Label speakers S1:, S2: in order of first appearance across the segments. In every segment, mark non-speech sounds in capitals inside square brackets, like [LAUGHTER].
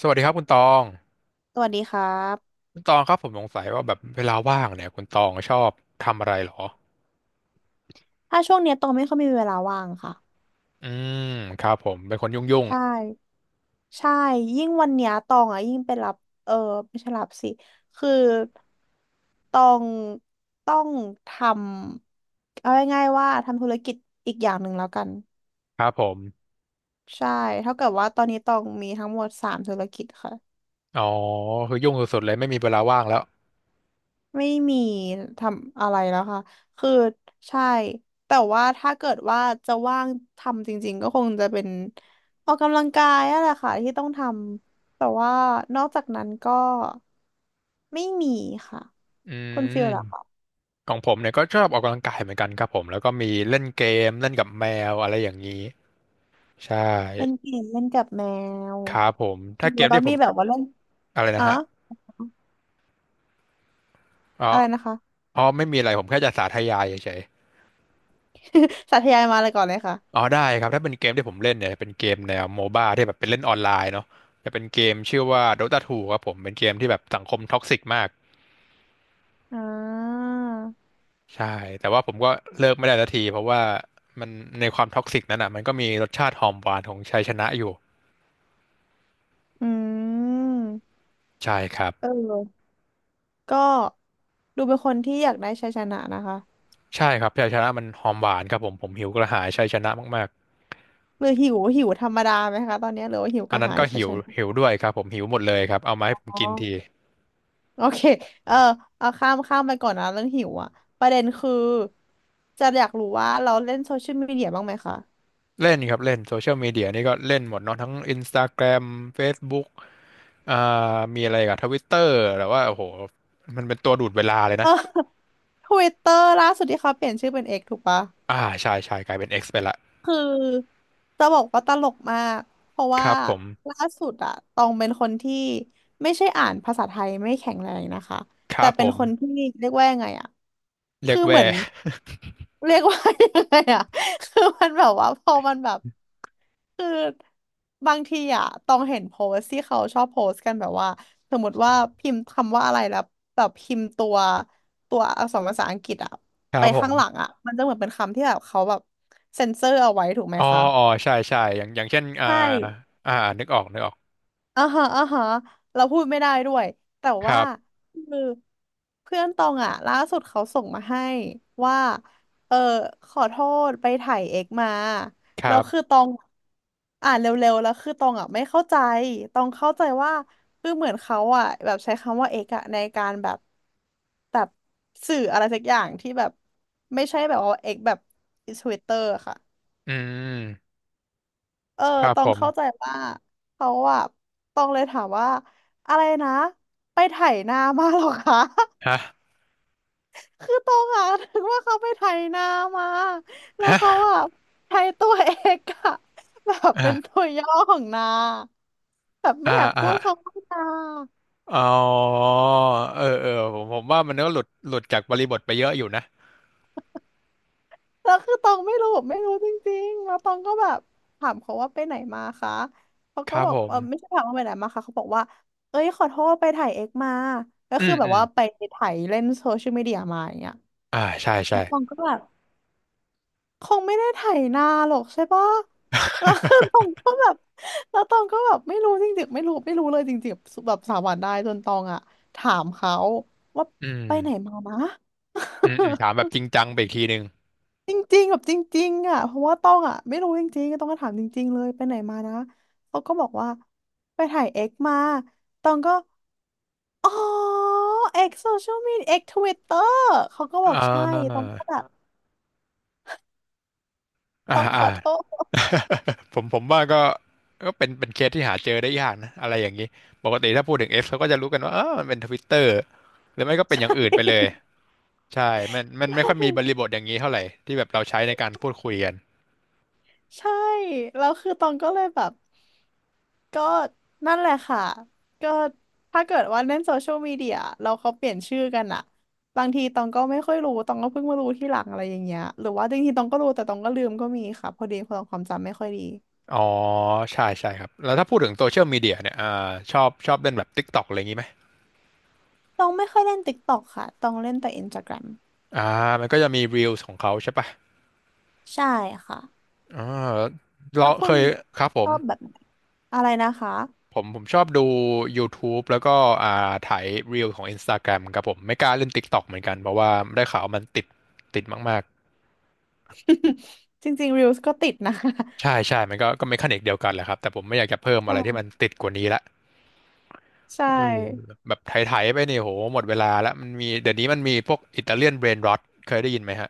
S1: สวัสดีครับคุณตอง
S2: สวัสดีครับ
S1: คุณตองครับผมสงสัยว่าแบบเวลาว่างเนี่ยคุณตองชอบทำอะไรเหรอ
S2: ถ้าช่วงเนี้ยตองไม่ค่อยมีเวลาว่างค่ะ
S1: อืมครับผมเป็นคนยุ่งยุ่ง
S2: ใช่ ใช่ ยิ่งวันเนี้ยตองอ่ะยิ่งไปรับ เออไม่ใช่รับสิ คือตองต้องทำ เอาง่ายๆว่าทำธุรกิจอีกอย่างหนึ่งแล้วกัน
S1: ครับผม
S2: ใช่ เท่ากับว่าตอนนี้ตองมีทั้งหมดสามธุรกิจค่ะ
S1: อ๋อคือยุ่งสุดๆเลยไม่มีเวลาว่างแล้ว
S2: ไม่มีทำอะไรแล้วค่ะคือใช่แต่ว่าถ้าเกิดว่าจะว่างทำจริงๆก็คงจะเป็นออกกำลังกายนั่นแหละค่ะที่ต้องทำแต่ว่านอกจากนั้นก็ไม่มีค่ะ
S1: อื
S2: คุณฟิลล่ะค่ะ
S1: มของผมเนี่ยก็ชอบออกกำลังกายเหมือนกันครับผมแล้วก็มีเล่นเกมเล่นกับแมวอะไรอย่างนี้ใช่
S2: เล่นเกมเล่นกับแมว
S1: ครับผมถ้าเกม
S2: แล้
S1: ที่
S2: ว
S1: ผ
S2: มี
S1: ม
S2: แบบว่าเล่น
S1: อะไร
S2: อ๋
S1: นะ
S2: อ
S1: ฮะอ๋อ
S2: อะไรนะคะ
S1: อ๋อไม่มีอะไรผมแค่จะสาธยายเฉย
S2: [LAUGHS] สาธยายมาเลยก่อนเลย
S1: อ๋อ
S2: ค่ะ
S1: ได้ครับถ้าเป็นเกมที่ผมเล่นเนี่ยเป็นเกมแนวโมบ้าที่แบบเป็นเล่นออนไลน์เนาะจะเป็นเกมชื่อว่า Dota 2ครับผมเป็นเกมที่แบบสังคมท็อกซิกมาก
S2: อ่า
S1: ใช่แต่ว่าผมก็เลิกไม่ได้สักทีเพราะว่ามันในความท็อกซิกนั้นอ่ะมันก็มีรสชาติหอมหวานของชัยชนะอยู่
S2: อืม
S1: ใช่ครับ
S2: เออก็ดูเป็นคนที่อยากได้ชัยชนะนะคะ
S1: ใช่ครับชัยชนะมันหอมหวานครับผมผมหิวกระหายชัยชนะมาก
S2: หรือหิวหิวธรรมดาไหมคะตอนนี้หรือว่าหิว
S1: ๆ
S2: ก
S1: อัน
S2: ระ
S1: นั้น
S2: หาย
S1: ก็หิว
S2: ชัน
S1: หิวด้วยครับผมหิวหมดเลยครับเอามาให้ผม
S2: ๆอ๋อ
S1: กินที
S2: โอเคเออเอาข้ามข้ามไปก่อนนะเรื่องหิวอ่ะประเด็นคือจะอยากรู้ว่าเราเล่นโซเชียลมีเดียบ้างไหมคะ
S1: เล่นครับเล่นโซเชียลมีเดียนี่ก็เล่นหมดเนาะทั้ง Instagram Facebook อ่ามีอะไรกับทวิตเตอร์แต่ว่าโอ้โหมันเป็นตัวดูดเวลาเลย
S2: เอ
S1: นะ
S2: อทวิตเตอร์ [LAUGHS] ล่าสุดที่เขาเปลี่ยนชื่อเป็นเอกถูกปะ
S1: อ่าใช่ใช่กลายเป็น X ไปละ
S2: คือจะบอกว่าตลกมากเพราะ
S1: ค
S2: ว่า
S1: รับผม
S2: ล่าสุดอะตองเป็นคนที่ไม่ใช่อ่านภาษาไทยไม่แข็งแรงนะคะ
S1: ค
S2: แต่
S1: รับผ
S2: เป็น
S1: ม
S2: คนที่เรียกว่ายังไงอะ
S1: เรีย
S2: คื
S1: ก
S2: อเห
S1: แว่
S2: มือน
S1: [LAUGHS]
S2: เรียกว่ายังไงอ่ะ [LAUGHS] คือมันแบบว่าพอมันแบบคือบางทีอ่ะต้องเห็นโพสต์ที่เขาชอบโพสต์กันแบบว่าสมมติว่าพิมพ์คำว่าอะไรแล้วแบบพิมพ์ตัวอักษรภาษาอังกฤษอ่ะ
S1: ครั
S2: ไป
S1: บผ
S2: ข้างหลัง
S1: ม
S2: อ่ะมันจะเหมือนเป็นคำที่แบบเขาแบบเซ็นเซอร์เอาไว้ถูกไหม
S1: อ๋อ
S2: คะ
S1: อ๋อใช่ใช่อย่างเช่นอ่า
S2: ใช่
S1: อ่านึกออกนึกออก
S2: อ่าฮะอ่าฮะเราพูดไม่ได้ด้วยแต่
S1: ค
S2: ว่า
S1: รับ
S2: คือเพื่อนตองอ่ะล่าสุดเขาส่งมาให้ว่าเออขอโทษไปถ่ายเอกมา
S1: ค
S2: แล้
S1: รั
S2: วคือ
S1: บ
S2: ตองอ่านเร็วๆแล้วคือตองอ่ะไม่เข้าใจตองเข้าใจว่าคือเหมือนเขาอ่ะแบบใช้คำว่าเอกอะในการแบบแบบสื่ออะไรสักอย่างที่แบบไม่ใช่แบบว่าเอกแบบทวิตเตอร์ค่ะ
S1: อืม
S2: เออ
S1: ครับ
S2: ตอ
S1: ผ
S2: ง
S1: ม
S2: เข้าใจว่าเขาอะตองเลยถามว่าอะไรนะไปไถนามาเหรอคะ
S1: ฮะ
S2: [LAUGHS] คือตองอะถึงว่าเขาไปไถนามา แล้วเขา
S1: ฮะ
S2: อะใช้ตัวเอกอะ [LAUGHS] แบบเป็น
S1: อ่า
S2: ตัวย่อของนาแบบไม่
S1: อ่า
S2: อยาก
S1: อ่า
S2: พูดคำว่านา
S1: อ๋อเออเออผมว่ามันก็หลุดจากบริบทไปเยอะอยู่นะ
S2: แล้วคือตองไม่รู้ไม่รู้จริงๆ แล้วตองก็แบบถามเขาว่าไปไหนมาคะเขา
S1: ค
S2: ก็
S1: รับ
S2: บอ
S1: ผ
S2: ก
S1: ม
S2: ไม่ใช่ถามว่าไปไหนมาคะเขาบอกว่าเอ้ยขอโทษไปถ่ายเอ็กมาก็
S1: อื
S2: คือ
S1: ม
S2: แบ
S1: อื
S2: บ
S1: ม
S2: ว่าไปถ่ายเล่นโซเชียลมีเดียมาอย่างเงี้ย
S1: อ่าใช่
S2: แล้
S1: ใช่
S2: วตองก็แบบคงไม่ได้ถ่ายนานหรอกใช่ปะแล้วตอง
S1: [LAUGHS]
S2: ก็แบบแล้วตองก็แบบไม่รู้จริงๆไม่รู้ไม่รู้เลยจริงๆแบบสามวันได้จนตองอะถามเขาว่า
S1: อืม
S2: ไปไหนมานะ
S1: อืมอืมถามแบ
S2: [LAUGHS]
S1: บจริงจังไปอีกทีหนึ่ง
S2: จริงๆแบบจริงๆอ่ะเพราะว่าต้องอ่ะไม่รู้จริงๆต้องก็ถามจริงๆ เลยไปไหนมานะ เขาก็บอกว่าไปถ่ายเอ็กมาตองก็อ๋อเอ็กโซเชียลมีเอ็กทวิตเตอร์เขาก็บอ
S1: อ่
S2: กใช่ตอ
S1: า
S2: งก็แบบต้
S1: อ่า
S2: องข
S1: อ่า
S2: อโทษ
S1: [LAUGHS] ผมว่าก็เป็นเคสที่หาเจอได้ยากนะอะไรอย่างนี้ปกติถ้าพูดถึง X เขาก็จะรู้กันว่าเออมันเป็นทวิตเตอร์หรือไม่ก็
S2: [LAUGHS]
S1: เป็นอย่าง
S2: ใช่
S1: อื่นไป
S2: [LAUGHS]
S1: เลยใช่มันไม่
S2: ใช
S1: ค่อยมีบริ
S2: ่
S1: บทอย่างนี้เท่าไหร่ที่แบบเราใช้ในการพูดคุยกัน
S2: ใช่แล้วคือตองก็เลยแบบก็นั่นแหละค่ะก็ถ้าเกิดว่าเล่นโซเชียลมีเดียเราเขาเปลี่ยนชื่อกันอะบางทีตองก็ไม่ค่อยรู้ตองก็เพิ่งมารู้ที่หลังอะไรอย่างเงี้ยหรือว่าจริงๆตองก็รู้แต่ตองก็ลืมก็มีค่ะพอดีพอตองความจำไม่ค่อยดี
S1: อ๋อใช่ใช่ครับแล้วถ้าพูดถึงโซเชียลมีเดียเนี่ยชอบเล่นแบบ TikTok อะไรอย่างนี้ไหม
S2: ตองไม่ค่อยเล่นติ๊กต็อกค่ะตองเล่นแต่อินสตาแกรม
S1: อ่ามันก็จะมี Reels ของเขาใช่ปะ
S2: ใช่ค่ะ
S1: อ่า
S2: แล้
S1: เรา
S2: วคุ
S1: เค
S2: ณ
S1: ยครับผ
S2: ช
S1: ม
S2: อบแบบไหนอะไรนะคะ
S1: ผมผมชอบดู YouTube แล้วก็อ่าถ่ายรีลของ Instagram ครับผมไม่กล้าเล่น TikTok เหมือนกันเพราะว่าได้ข่าวมันติดมาก
S2: [LAUGHS] จริงๆ Reels ก็ติดนะคะ
S1: ๆใช่ใช่มันก็เมคานิกเดียวกันแหละครับแต่ผมไม่อยากจะเพิ่ม
S2: [LAUGHS]
S1: อะไรที่มัน
S2: ใช่
S1: ติดกว่านี้ละ
S2: ใช
S1: เออ
S2: ่
S1: แบบไถๆไปเนี่ยโหหมดเวลาแล้วมันมีเดี๋ยวนี้มันมีพวกอิตาเลียนเบรนรอทเคยได้ยินไหมฮะ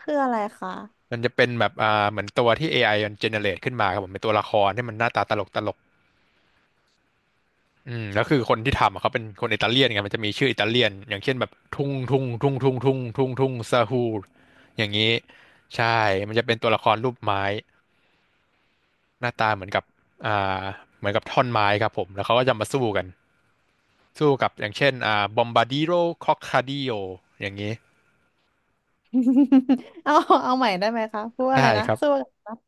S2: คืออะไรคะ
S1: มันจะเป็นแบบเหมือนตัวที่AIมันเจเนเรตขึ้นมาครับผมเป็นตัวละครที่มันหน้าตาตลกตลก อืมแล้วคือคนที่ทำอะเขาเป็นคนอิตาเลียนไงมันจะมีชื่ออิตาเลียนอย่างเช่นแบบทุ่งทุ่งทุ่งทุ่งทุ่งทุ่งทุ่งซาฮูอย่างนี้ใช่มันจะเป็นตัวละครรูปไม้หน้าตาเหมือนกับอ่าเหมือนกับท่อนไม้ครับผมแล้วเขาก็จะมาสู้กันสู้กับอย่างเช่นบอมบาดิโรครอคคาดิโออย่างนี้
S2: [LAUGHS] เอาเอาใหม่ได้ไหมคะพูดอะไร
S1: ได้
S2: นะ
S1: ครับ
S2: สู้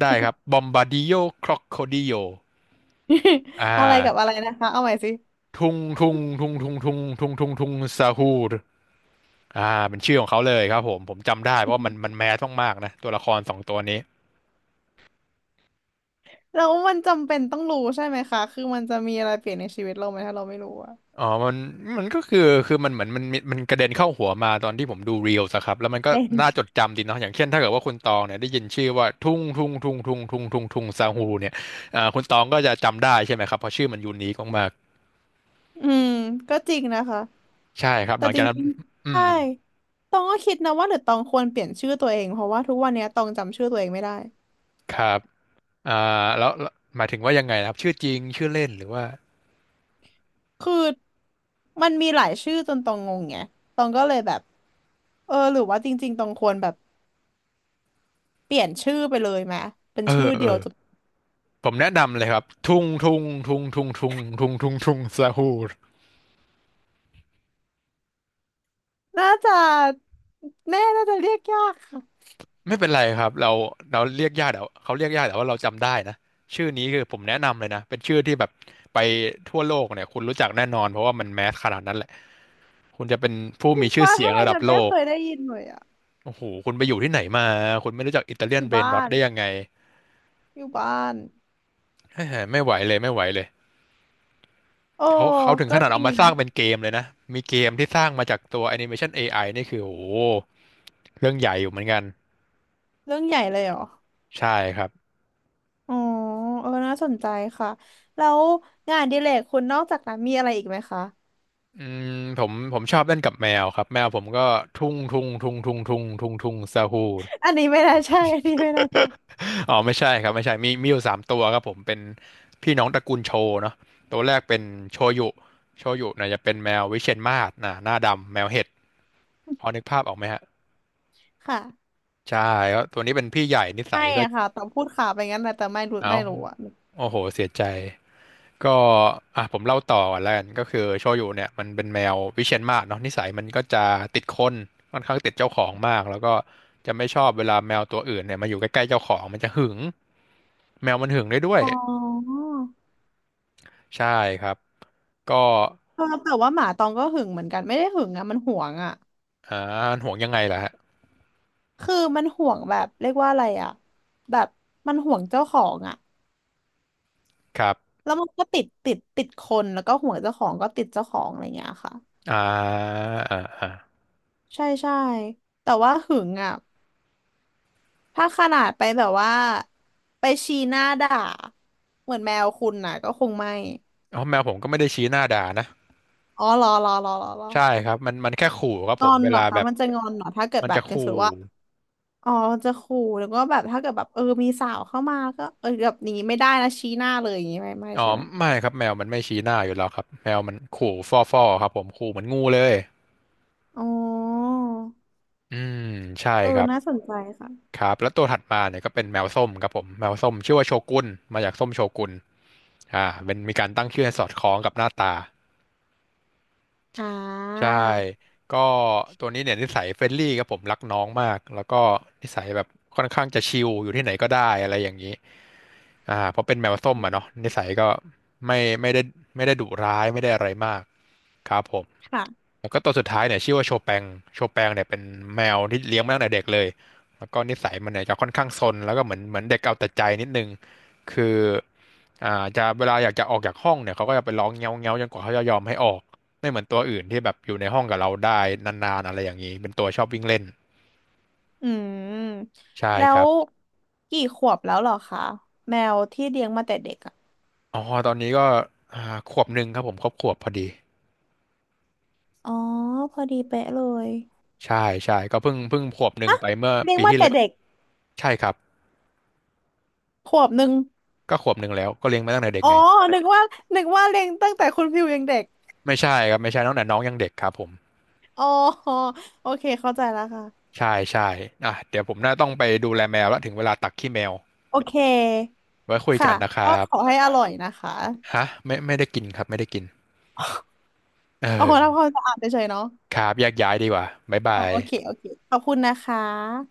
S1: ได้ครับบอมบาดิโอครอคโคดิโออ่า
S2: [LAUGHS] อะไรกับอะไรนะคะเอาใหม่สิ [LAUGHS]
S1: ทุ่งทุ่งทุ่งทุ่งทุ่งทุ่งทุ่งทุ่งซาฮู อ่าเป็นชื่อของเขาเลยครับผมจำได้เพราะว่ามันแมสมากๆนะตัวละครสองตัวนี้
S2: แล้วมันจำเป็นต้องรู้ใช่ไหมคะคือมันจะมีอะไรเปลี่ยนในชีวิตเราไหมถ้าเราไม่รู้อะ
S1: อ๋อมันก็คือมันเหมือนมันกระเด็นเข้าหัวมาตอนที่ผมดูเรียลสครับแล้วมันก็
S2: เป็น
S1: น่าจดจำดีเนาะอย่างเช่นถ้าเกิดว่าคุณตองเนี่ยได้ยินชื่อว่าทุ่งทุ่งทุ่งทุ่งทุ่งทุ่งทุ่งซาฮูเนี่ยคุณตองก็จะจำได้ใช่ไหมครับเพราะชื่อมันยูนิคมาก
S2: อืมก็จริงนะคะ
S1: ๆใช่ครับ
S2: แต่
S1: หลัง
S2: จ
S1: จากนั้น
S2: ริงๆ
S1: อื
S2: ใช่
S1: ม
S2: ตองก็คิดนะว่าหรือตองควรเปลี่ยนชื่อตัวเองเพราะว่าทุกวันเนี้ยตองจำชื่อตัวเองไม่ได้
S1: ครับอ่าแล้วหมายถึงว่ายังไงนะครับชื่อจริงชื่อเล่นหรือว่า
S2: คือมันมีหลายชื่อจนตองงงไงตองก็เลยแบบหรือว่าจริงๆตองควรแบบเปลี่ยนชื่อไปเลยไหมเป็น
S1: เอ
S2: ชื่อ
S1: อเอ
S2: เดี
S1: อ
S2: ยว
S1: ผมแนะนำเลยครับทุงทุงทุงทุงทุงทุงทุงทุงซาฮูร
S2: น่าจะแม่น่าจะเรียกยากค่ะ
S1: ไม่เป็นไรครับเราเรียกยากแต่ว่าเขาเรียกยากแต่ว่าเราจำได้นะชื่อนี้คือผมแนะนำเลยนะเป็นชื่อที่แบบไปทั่วโลกเนี่ยคุณรู้จักแน่นอนเพราะว่ามันแมสขนาดนั้นแหละคุณจะเป็นผู้
S2: จริ
S1: มี
S2: ง
S1: ชื่อ
S2: ว่า
S1: เสีย
S2: ทำ
S1: ง
S2: ไม
S1: ระดับ
S2: ฉัน
S1: โล
S2: ไม่เค
S1: ก
S2: ยได้ยินเลยอ่ะ
S1: โอ้โหคุณไปอยู่ที่ไหนมาคุณไม่รู้จักอิตาเลีย
S2: อ
S1: น
S2: ยู่
S1: เบรน
S2: บ้า
S1: ร็อต
S2: น
S1: ได้ยังไง
S2: อยู่บ้าน
S1: เฮ้ยไม่ไหวเลยไม่ไหวเลย
S2: โอ้
S1: เขาถึง
S2: ก็
S1: ขนาด
S2: จ
S1: เอา
S2: ริง
S1: มาส
S2: นะ
S1: ร้างเป็นเกมเลยนะมีเกมที่สร้างมาจากตัวแอนิเมชันเอไอนี่คือโอ้โหเรื่องใหญ่อยู่เหมือนกัน
S2: เรื่องใหญ่เลยเหรอ
S1: ใช่ครับ
S2: อ๋อน่าสนใจค่ะแล้วงานอดิเรกคุณนอกจากนั้นมีอะไรอีกไหมคะ
S1: อืมผมชอบเล่นกับแมวครับแมวผมก็ทุ่งทุ่งทุ่งทุ่งทุ่งทุ่งทุ่งซาฮู
S2: [LAUGHS] อันนี้ไม่น่าใช่อันนี้ไม่น่าใช่
S1: อ๋อไม่ใช่ครับไม่ใช่มีอยู่สามตัวครับผมเป็นพี่น้องตระกูลโชเนาะตัวแรกเป็นโชยุโชยุเนี่ยจะเป็นแมววิเชียรมาศนะหน้าดำแมวเห็ดพอนึกภาพออกไหมฮะ
S2: ค่ะ
S1: ใช่แล้วตัวนี้เป็นพี่ใหญ่นิสั
S2: ไม่
S1: ยก็
S2: อะค่ะตองพูดข่าวไปงั้นแหละแต่ไม่รู้
S1: เอ้า
S2: ไม่รู้อะ
S1: โอ้โหเสียใจ ก็อ่ะผมเล่าต่อก่อนแล้วกันก็คือโชยุเนี่ยมันเป็นแมววิเชียรมาศเนาะนิสัยมันก็จะติดคนค่อนข้างติดเจ้าของมากแล้วก็จะไม่ชอบเวลาแมวตัวอื่นเนี่ยมาอยู่ใกล้ๆเจ้าของมันจะหึงแมวมันหึงได้ด้วย
S2: อ๋อ
S1: ใช่ครับก็
S2: แต่ว่าหมาตองก็หึงเหมือนกันไม่ได้หึงอะมันหวงอะ
S1: อ่าห่วงยังไงล่ะฮะ
S2: คือมันห่วงแบบเรียกว่าอะไรอ่ะแบบมันห่วงเจ้าของอ่ะ
S1: ครับ
S2: แล้วมันก็ติดติดติดคนแล้วก็ห่วงเจ้าของก็ติดเจ้าของอะไรเงี้ยค่ะ
S1: อ่าอ่าอ่า
S2: ใช่ใช่แต่ว่าหึงอ่ะถ้าขนาดไปแบบว่าไปชี้หน้าด่าเหมือนแมวคุณน่ะก็คงไม่
S1: อ๋อแมวผมก็ไม่ได้ชี้หน้าด่านะ
S2: อ๋อรอรอรอรอรอ
S1: ใช่ครับมันแค่ขู่ครับ
S2: ง
S1: ผ
S2: อ
S1: ม
S2: น
S1: เว
S2: เหร
S1: ลา
S2: อ
S1: แบ
S2: คะ
S1: บ
S2: มันจะงอนเหรอถ้าเกิด
S1: มัน
S2: แบ
S1: จะ
S2: บอย่าง
S1: ขู่
S2: สมมติว่าอ๋อจะขู่แล้วก็แบบถ้าเกิดแบบมีสาวเข้ามาก็แบบนี้ไม่ได้นะชี้หน้าเลยอย่างงี้ไม่ไม่
S1: อ๋อ
S2: ใช่ไหม
S1: ไม่ครับแมวมันไม่ชี้หน้าอยู่แล้วครับแมวมันขู่ฟ่อๆครับผมขู่เหมือนงูเลย
S2: อ๋อ
S1: อืมใช่ครับ
S2: น่าสนใจค่ะ
S1: ครับแล้วตัวถัดมาเนี่ยก็เป็นแมวส้มครับผมแมวส้มชื่อว่าโชกุนมาจากส้มโชกุนอ่าเป็นมีการตั้งชื่อให้สอดคล้องกับหน้าตา
S2: อ่
S1: ใช่
S2: า
S1: ก็ตัวนี้เนี่ยนิสัยเฟรนลี่ครับผมรักน้องมากแล้วก็นิสัยแบบค่อนข้างจะชิลอยู่ที่ไหนก็ได้อะไรอย่างนี้อ่าเพราะเป็นแมวส้มอ่ะเนาะนิสัยก็ไม่ไม่ได้ไม่ได้ดุร้ายไม่ได้อะไรมากครับผม
S2: ค่ะ
S1: แล้วก็ตัวสุดท้ายเนี่ยชื่อว่าโชแปงโชแปงเนี่ยเป็นแมวที่เลี้ยงมาตั้งแต่เด็กเลยแล้วก็นิสัยมันเนี่ยจะค่อนข้างซนแล้วก็เหมือนเด็กเอาแต่ใจนิดนึง คืออ่าจะเวลาอยากจะออกจากห้องเนี่ยเขาก็จะไปร้องเงี้ยวเงี้ยวจนกว่าเขาจะยอมให้ออกไม่เหมือนตัวอื่นที่แบบอยู่ในห้องกับเราได้นานๆอะไรอย่างนี้เป็นตัวชอบวิ่งเล่น
S2: อืม
S1: ใช่
S2: แล้
S1: ค
S2: ว
S1: รับ
S2: กี่ขวบแล้วเหรอคะแมวที่เลี้ยงมาแต่เด็กอ่ะ
S1: อ๋อตอนนี้ก็อ่าขวบหนึ่งครับผมครบขวบพอดี
S2: อ๋อพอดีเป๊ะเลย
S1: ใช่ใช่ก็เพิ่งขวบหนึ่งไปเมื่อ
S2: เลี้ยง
S1: ปี
S2: มา
S1: ที่
S2: แต่
S1: แล้ว
S2: เด็ก
S1: ใช่ครับ
S2: ขวบหนึ่ง
S1: ก็ขวบหนึ่งแล้วก็เลี้ยงมาตั้งแต่เด็ก
S2: อ๋อ
S1: ไง
S2: นึกว่านึกว่าเลี้ยงตั้งแต่คุณพิวยังเด็ก
S1: ไม่ใช่ครับไม่ใช่ตั้งแต่น้องยังเด็กครับผม
S2: อ๋อโอเคเข้าใจแล้วค่ะ
S1: ใช่ใช่อ่ะเดี๋ยวผมน่าต้องไปดูแลแมวแล้วถึงเวลาตักขี้แมว
S2: โอเค
S1: ไว้คุย
S2: ค่ะ
S1: กันนะค
S2: ก็
S1: รับ
S2: ขอให้อร่อยนะคะ
S1: ฮะไม่ได้กินครับไม่ได้กินเ
S2: โอ้โหทำ
S1: ออ
S2: ความสะอาดเฉยๆเนาะ
S1: ครับแยกย้ายดีกว่าบ๊าย
S2: อ๋
S1: บา
S2: อ
S1: ย
S2: โอเคโอเคขอบคุณนะคะ